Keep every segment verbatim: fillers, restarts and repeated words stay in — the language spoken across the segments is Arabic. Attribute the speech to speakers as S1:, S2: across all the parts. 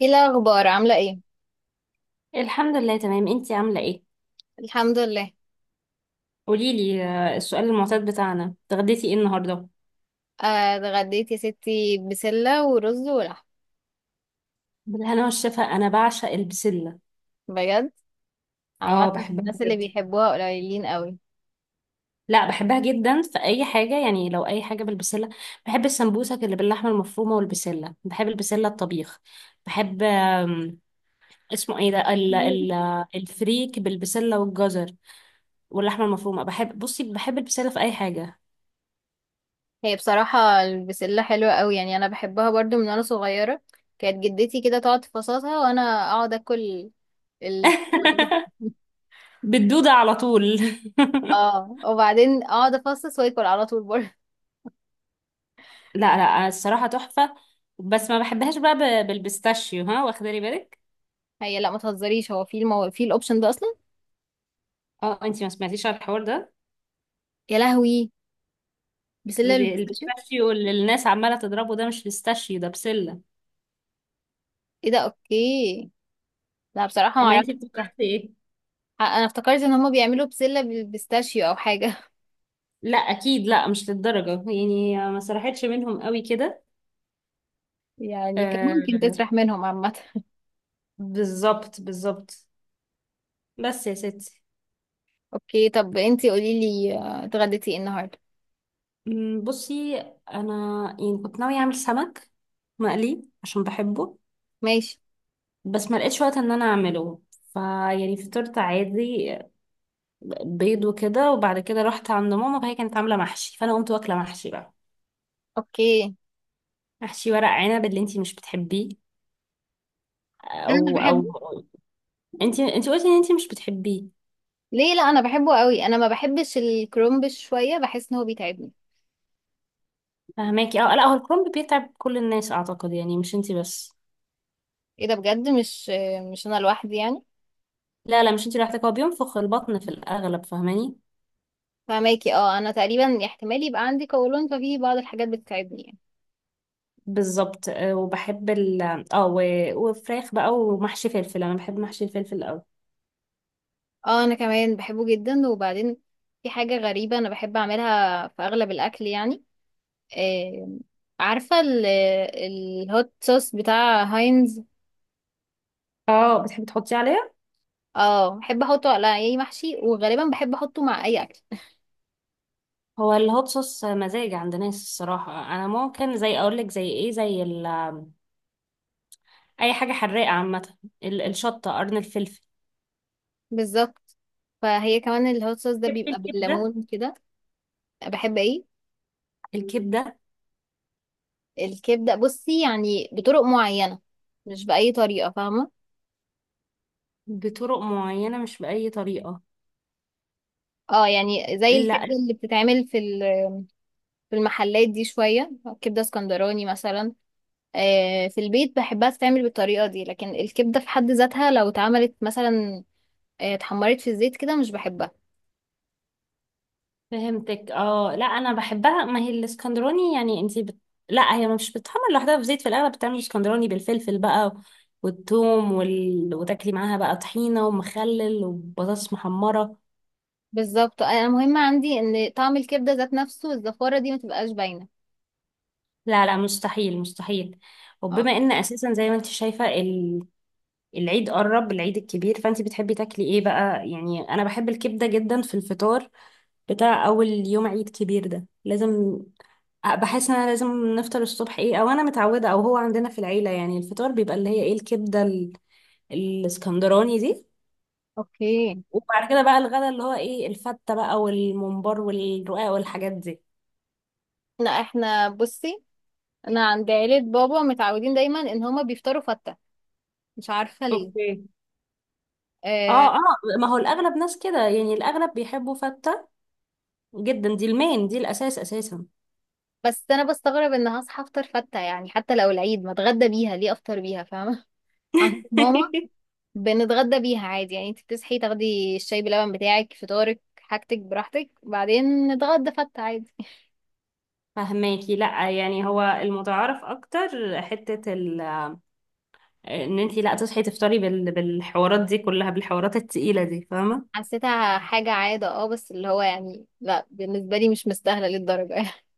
S1: ايه الاخبار؟ عامله ايه؟
S2: الحمد لله تمام. انتي عاملة ايه؟
S1: الحمد لله.
S2: قوليلي، آه، السؤال المعتاد بتاعنا، اتغديتي ايه النهاردة؟
S1: آه، اتغديت يا ستي بسله ورز ولحم.
S2: بالهنا والشفا، انا بعشق البسلة.
S1: بجد؟
S2: اه
S1: عامه
S2: بحبها
S1: الناس اللي
S2: بجد.
S1: بيحبوها قليلين قوي.
S2: لا بحبها جدا في اي حاجة، يعني لو اي حاجة بالبسلة. بحب السمبوسك اللي باللحمة المفرومة والبسلة، بحب البسلة الطبيخ. بحب آم، اسمه ايه ده ال ال الفريك بالبسلة والجزر واللحمة المفرومة. بحب، بصي، بحب البسلة في اي حاجة.
S1: هي بصراحه البسله حلوه قوي، يعني انا بحبها برضو من وانا صغيره. كانت جدتي كده تقعد تفصصها وانا اقعد اكل ال...
S2: بالدودة على طول.
S1: اه، وبعدين اقعد افصص واكل على طول برضه.
S2: لا لا انا الصراحه تحفه، بس ما بحبهاش بقى ب- بالبيستاشيو، ها، واخده لي بالك.
S1: هي لا ما تهزريش، هو في المو... في الاوبشن ده اصلا؟
S2: اه انتي ما سمعتيش على الحوار ده.
S1: يا لهوي، بسله
S2: ب-
S1: البيستاشيو!
S2: البيستاشيو اللي الناس عماله تضربه ده مش بيستاشيو، ده بسله.
S1: ايه ده، اوكي. لا بصراحه ما
S2: اما انتي
S1: اعرفش.
S2: افتكرتي ايه؟
S1: انا افتكرت ان هما بيعملوا بسلة بالبيستاشيو او حاجة.
S2: لا اكيد لا، مش للدرجه يعني، ما سرحتش منهم قوي كده.
S1: يعني كان ممكن
S2: آه
S1: تسرح منهم عامة.
S2: بالظبط بالظبط. بس يا ستي،
S1: اوكي، طب انتي قولي لي، آه، اتغديتي ايه النهاردة؟
S2: أمم، بصي، انا يعني كنت ناويه اعمل سمك مقلي عشان بحبه،
S1: ماشي.
S2: بس ما لقيتش وقت ان انا اعمله. فيعني فطرت عادي، بيض وكده، وبعد كده رحت عند ماما فهي كانت عاملة محشي، فأنا قمت واكلة محشي بقى.
S1: اوكي.
S2: محشي ورق عنب اللي انتي مش بتحبيه. او
S1: انا
S2: او
S1: بحبه.
S2: انتي انتي قلتي ان انتي مش بتحبيه.
S1: ليه؟ لا انا بحبه قوي، انا ما بحبش الكرومبش شوية، بحس ان هو بيتعبني.
S2: فهماكي؟ اه لا، هو الكرنب بيتعب كل الناس اعتقد، يعني مش انتي بس.
S1: ايه ده بجد؟ مش آه، مش انا لوحدي يعني.
S2: لا لا مش انتي لوحدك، هو بينفخ البطن في الاغلب، فاهماني؟
S1: فماكي اه، انا تقريبا احتمال يبقى عندي قولون ففي بعض الحاجات بتتعبني يعني.
S2: بالظبط. آه، وبحب ال اه و- وفراخ بقى ومحشي فلفل، انا بحب محشي الفلفل قوي.
S1: اه انا كمان بحبه جدا. وبعدين في حاجة غريبة انا بحب اعملها في اغلب الاكل يعني. آه، عارفة ال- الهوت صوص بتاع هاينز؟
S2: اه بتحبي تحطيه عليها؟
S1: اه بحب احطه على اي محشي، وغالبا بحب احطه مع اي اكل.
S2: هو الهوت صوص مزاج عند ناس. الصراحة انا ممكن، زي اقولك زي ايه، زي ال اي حاجه حراقه عامه. ال- الشطه، قرن الفلفل.
S1: بالظبط. فهي كمان الهوت صوص ده
S2: بحب
S1: بيبقى
S2: الكبده.
S1: بالليمون كده. بحب ايه؟
S2: الكبده
S1: الكبدة؟ بصي، يعني بطرق معينة، مش بأي طريقة، فاهمة.
S2: بطرق معينه، مش باي طريقه.
S1: اه يعني زي
S2: لا،
S1: الكبدة اللي بتتعمل في ال- في المحلات دي شوية، كبدة اسكندراني مثلا. آه، في البيت بحبها تتعمل بالطريقة دي، لكن الكبدة في حد ذاتها لو اتعملت مثلا، آه، اتحمرت في الزيت كده، مش بحبها.
S2: فهمتك. اه لا انا بحبها، ما هي الاسكندراني، يعني انتي بت... لا هي مش بتتحمر لوحدها في زيت، في الاغلب بتعمل اسكندراني بالفلفل بقى والثوم وال... وتاكلي معاها بقى طحينه ومخلل وبطاطس محمره.
S1: بالظبط، انا مهم عندي ان طعم الكبده ذات نفسه، الزفاره دي ما تبقاش باينه.
S2: لا لا، مستحيل مستحيل.
S1: اه.
S2: وبما ان اساسا زي ما انت شايفه، العيد قرب، العيد الكبير، فانت بتحبي تاكلي ايه بقى؟ يعني انا بحب الكبده جدا في الفطار بتاع اول يوم عيد كبير ده، لازم. بحس ان انا لازم نفطر الصبح ايه، او انا متعوده، او هو عندنا في العيله يعني الفطار بيبقى اللي هي ايه، الكبده ال- الاسكندراني دي.
S1: اوكي.
S2: وبعد كده بقى الغدا اللي هو ايه، الفته بقى والممبار والرقاق والحاجات دي.
S1: لا احنا بصي، انا عند عيلة بابا متعودين دايما ان هما بيفطروا فتة، مش عارفة ليه.
S2: اوكي.
S1: آه.
S2: اه اه. ما هو الاغلب ناس كده، يعني الاغلب بيحبوا فته جدا. دي المين، دي الاساس اساسا.
S1: بس انا بستغرب ان هصحى افطر فتة، يعني حتى لو العيد ما اتغدى بيها، ليه افطر بيها، فاهمة؟ عند ماما بنتغدى بيها عادي يعني، انت بتصحي تاخدي الشاي بلبن بتاعك، فطارك، حاجتك براحتك، بعدين نتغدى فتة عادي.
S2: فهماكي؟ لا يعني هو المتعارف اكتر حتة ال... ان انتي لا تصحي تفطري بال... بالحوارات دي كلها، بالحوارات التقيلة دي، فاهمة؟
S1: حسيتها حاجة عادة اه، بس اللي هو يعني، لا بالنسبة لي مش مستاهلة للدرجة يعني.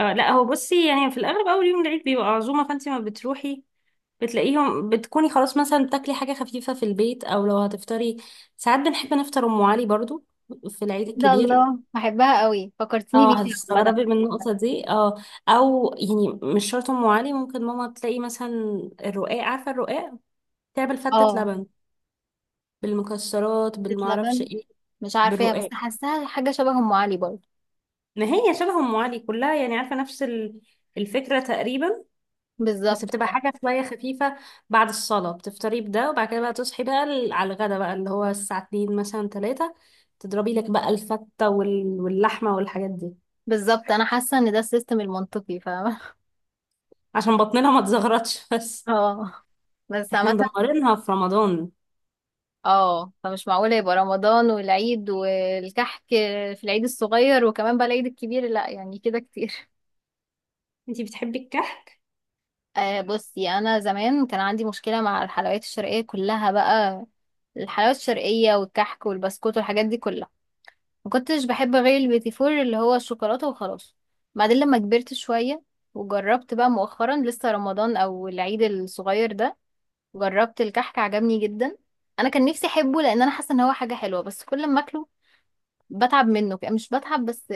S2: آه لا هو بصي، يعني في الاغلب اول يوم العيد بيبقى عزومة، فانتي ما بتروحي بتلاقيهم، بتكوني خلاص مثلا بتاكلي حاجة خفيفة في البيت، او لو هتفطري، ساعات بنحب نفطر ام علي برضو في العيد
S1: ده
S2: الكبير.
S1: الله، بحبها قوي، فكرتيني
S2: اه
S1: بيها عامة.
S2: هتستغربي من النقطة دي. اه او يعني مش شرط ام علي، ممكن ماما تلاقي مثلا الرقاق، عارفة الرقاق؟ تعمل فتة
S1: اه،
S2: لبن بالمكسرات
S1: زيت
S2: بالمعرفش
S1: لبن؟
S2: ايه،
S1: مش عارفاها، بس
S2: بالرقاق.
S1: حاساها حاجة شبه أم علي برضه.
S2: ما هي شبه ام علي كلها يعني، عارفه؟ نفس ال- الفكره تقريبا. بس
S1: بالظبط
S2: بتبقى
S1: اه.
S2: حاجه شويه خفيفه، بعد الصلاه بتفطري بده، وبعد كده بقى تصحي بقى ال- على الغدا بقى اللي هو الساعه اتنين مثلا الثالثة، تضربي لك بقى الفته وال- واللحمه والحاجات دي.
S1: بالظبط، أنا حاسة إن ده السيستم المنطقي، فاهمة.
S2: عشان بطننا ما تزغرطش. بس
S1: اه. بس
S2: احنا
S1: عامة،
S2: مدمرينها في رمضان.
S1: اه، فمش معقولة يبقى رمضان والعيد والكحك في العيد الصغير، وكمان بقى العيد الكبير، لا يعني كده كتير.
S2: انتي بتحبي الكحك؟
S1: آه بصي، انا زمان كان عندي مشكله مع الحلويات الشرقيه كلها بقى، الحلويات الشرقيه والكحك والبسكوت والحاجات دي كلها، ما كنتش بحب غير البيتي فور اللي هو الشوكولاته وخلاص. بعدين لما كبرت شويه وجربت بقى مؤخرا، لسه رمضان او العيد الصغير ده، جربت الكحك عجبني جدا. انا كان نفسي احبه لان انا حاسه ان هو حاجه حلوه، بس كل ما اكله بتعب منه، مش بتعب بس،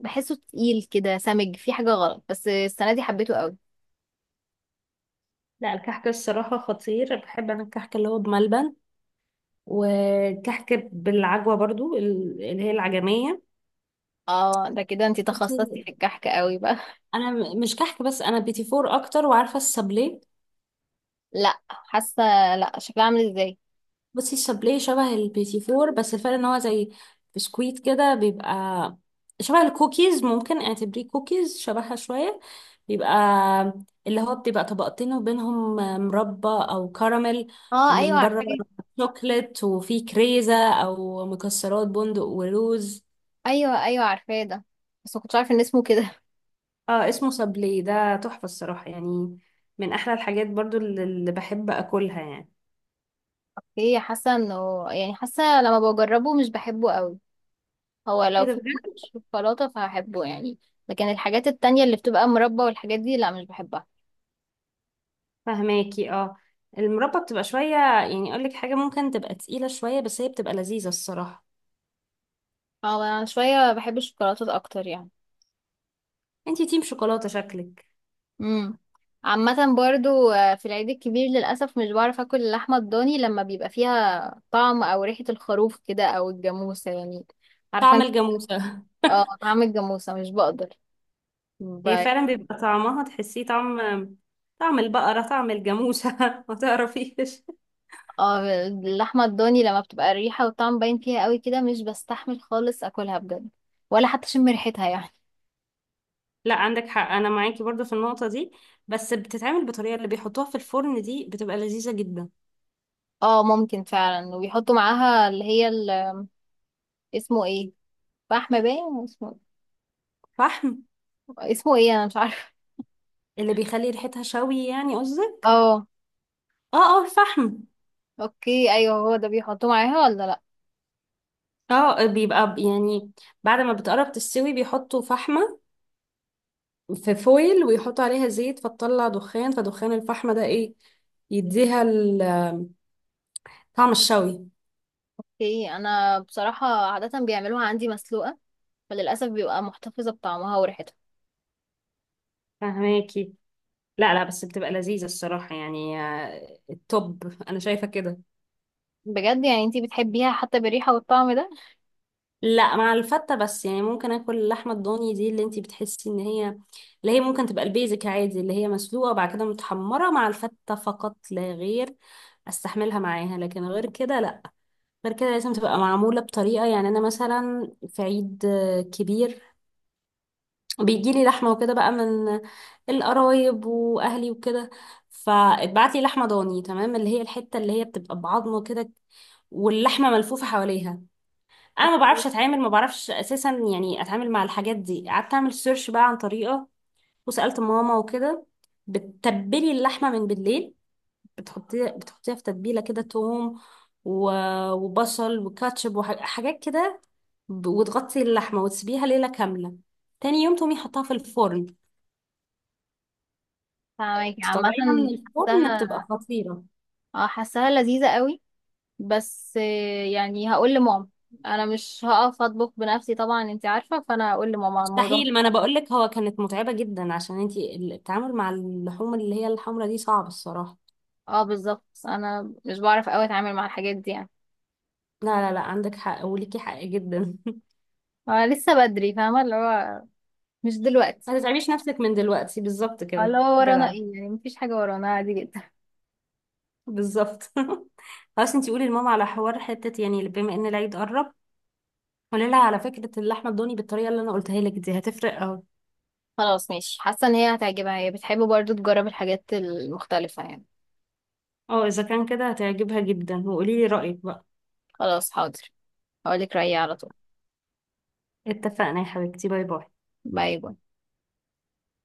S1: بحسه تقيل كده سمج، في حاجه غلط، بس السنه دي حبيته قوي.
S2: لا الكحك الصراحه خطير. بحب انا الكحك اللي هو بملبن، وكحك بالعجوة برضو، ال- اللي هي العجمية.
S1: اه ده كده انتي تخصصتي
S2: بصي
S1: في الكحك قوي بقى.
S2: انا م- مش كحك بس، انا بيتي فور اكتر، وعارفة السابليه؟
S1: لا حاسه، لا شكلها عامل ازاي؟
S2: بصي السابليه شبه البيتي فور، بس الفرق ان هو زي بسكويت كده، بيبقى شبه الكوكيز، ممكن اعتبريه كوكيز، شبهها شوية. بيبقى اللي هو بتبقى طبقتين وبينهم مربى او كراميل،
S1: اه ايوه
S2: ومن
S1: عارفاه.
S2: بره شوكليت، وفيه كريزة او مكسرات، بندق ولوز.
S1: ايوه ايوه عارفاه ده، بس ما كنتش عارفه ان اسمه كده.
S2: اه اسمه صبلي، ده تحفة الصراحة يعني، من احلى الحاجات برضو اللي اللي بحب اكلها يعني.
S1: اوكي، حاسه انه يعني، حاسه لما بجربه مش بحبه قوي. هو
S2: ايه
S1: لو
S2: ده
S1: في منه
S2: بجد؟
S1: شوكولاته فهحبه يعني، لكن الحاجات التانية اللي بتبقى مربى والحاجات دي لا مش بحبها.
S2: فهماكي اه، المربى بتبقى شوية، يعني اقول لك حاجة، ممكن تبقى تقيلة شوية بس هي بتبقى لذيذة الصراحة.
S1: اه انا شويه بحب الشوكولاتات اكتر يعني.
S2: انتي تيم شوكولاتة شكلك.
S1: امم. عامة برضو، آه، في العيد الكبير للأسف مش بعرف أكل اللحمة الضاني لما بيبقى فيها طعم أو ريحة الخروف كده، أو الجاموسة يعني. عارفة
S2: طعم
S1: أنت،
S2: الجاموسة.
S1: اه، طعم الجاموسة مش بقدر.
S2: هي
S1: ب...
S2: فعلا بيبقى طعمها، تحسيه طعم، طعم البقرة طعم الجاموسة. ما تعرفيش.
S1: اه اللحمة الضاني لما بتبقى الريحة والطعم باين فيها قوي كده، مش بستحمل خالص أكلها بجد، ولا حتى أشم ريحتها يعني.
S2: لا عندك حق، انا معاكي برضو في النقطة دي، بس بتتعمل بطريقة اللي بيحطوها في الفرن دي، بتبقى لذيذة جدا.
S1: اه ممكن فعلا، وبيحطوا معاها اللي هي ال... اسمه ايه؟ فحم باين اسمه.
S2: فحم.
S1: اسمه ايه؟ أنا مش عارفة.
S2: اللي بيخلي ريحتها شوي يعني قصدك؟
S1: اه.
S2: اه اه الفحم.
S1: اوكي ايوه، هو ده بيحطوه معاها ولا لأ؟
S2: اه بيبقى ب- يعني بعد ما بتقرب تستوي بيحطوا فحمة في فويل، ويحطوا عليها زيت فتطلع دخان، فدخان الفحمة ده ايه، يديها ال- طعم الشوي.
S1: اوكي انا بصراحه عاده بيعملوها عندي مسلوقه، فللاسف بيبقى محتفظه بطعمها وريحتها.
S2: فهماكي. لا لا بس بتبقى لذيذة الصراحة، يعني آه، التوب انا شايفة كده.
S1: بجد؟ يعني انتي بتحبيها حتى بالريحه والطعم ده؟
S2: لا مع الفتة بس يعني، ممكن اكل اللحمة الضاني دي اللي انتي بتحسي ان هي، اللي هي ممكن تبقى البيزك عادي اللي هي مسلوقة وبعد كده متحمرة، مع الفتة فقط لا غير استحملها معاها، لكن غير كده لا. غير كده لازم تبقى معمولة بطريقة، يعني انا مثلا في عيد آه، كبير بيجيلي لحمة وكده بقى، من القرايب واهلي وكده. فاتبعتلي لحمة ضاني تمام، اللي هي الحتة اللي هي بتبقى بعظمه كده واللحمة ملفوفة حواليها. انا ما بعرفش اتعامل، ما بعرفش اساسا يعني اتعامل مع الحاجات دي، قعدت اعمل سيرش بقى عن طريقه، وسالت ماما وكده. بتتبلي اللحمه من بالليل، بتحطيها بتحطيها في تتبيله كده، توم و- وبصل وكاتشب وحاجات كده، ب- وتغطي اللحمه وتسيبيها ليله كامله. تاني يوم تقومي حطها في الفرن،
S1: فاهمك عامه.
S2: تطلعيها من الفرن بتبقى
S1: حاساها،
S2: خطيره.
S1: اه حاساها لذيذه قوي. بس آه، يعني هقول لماما، انا مش هقف اطبخ بنفسي طبعا، انتي عارفه، فانا هقول لماما على الموضوع ده.
S2: مستحيل، ما انا بقولك هو كانت متعبه جدا، عشان انتي التعامل مع اللحوم اللي هي الحمرا دي صعب الصراحه.
S1: اه بالظبط، انا مش بعرف قوي اتعامل مع الحاجات دي يعني.
S2: لا لا لا عندك حق، وليكي حق جدا.
S1: آه لسه بدري، فاهمه اللي هو مش دلوقتي.
S2: ما تتعبيش نفسك من دلوقتي، بالظبط
S1: آه، اللي
S2: كده
S1: هو ورانا
S2: جدع.
S1: ايه يعني، مفيش حاجه ورانا، عادي جدا.
S2: بالظبط. خلاص انتي قولي لماما على حوار حتة، يعني بما ان العيد قرب، قولي لها على فكرة اللحمة الضاني بالطريقة اللي انا قلتها لك دي، هتفرق اهو.
S1: خلاص ماشي، حاسة ان هي هتعجبها، هي بتحب برضو تجرب الحاجات المختلفة يعني.
S2: اه اذا كان كده هتعجبها جدا، وقولي لي رأيك بقى.
S1: خلاص حاضر، هقولك رأيي على طول.
S2: اتفقنا يا حبيبتي، باي باي.
S1: باي باي.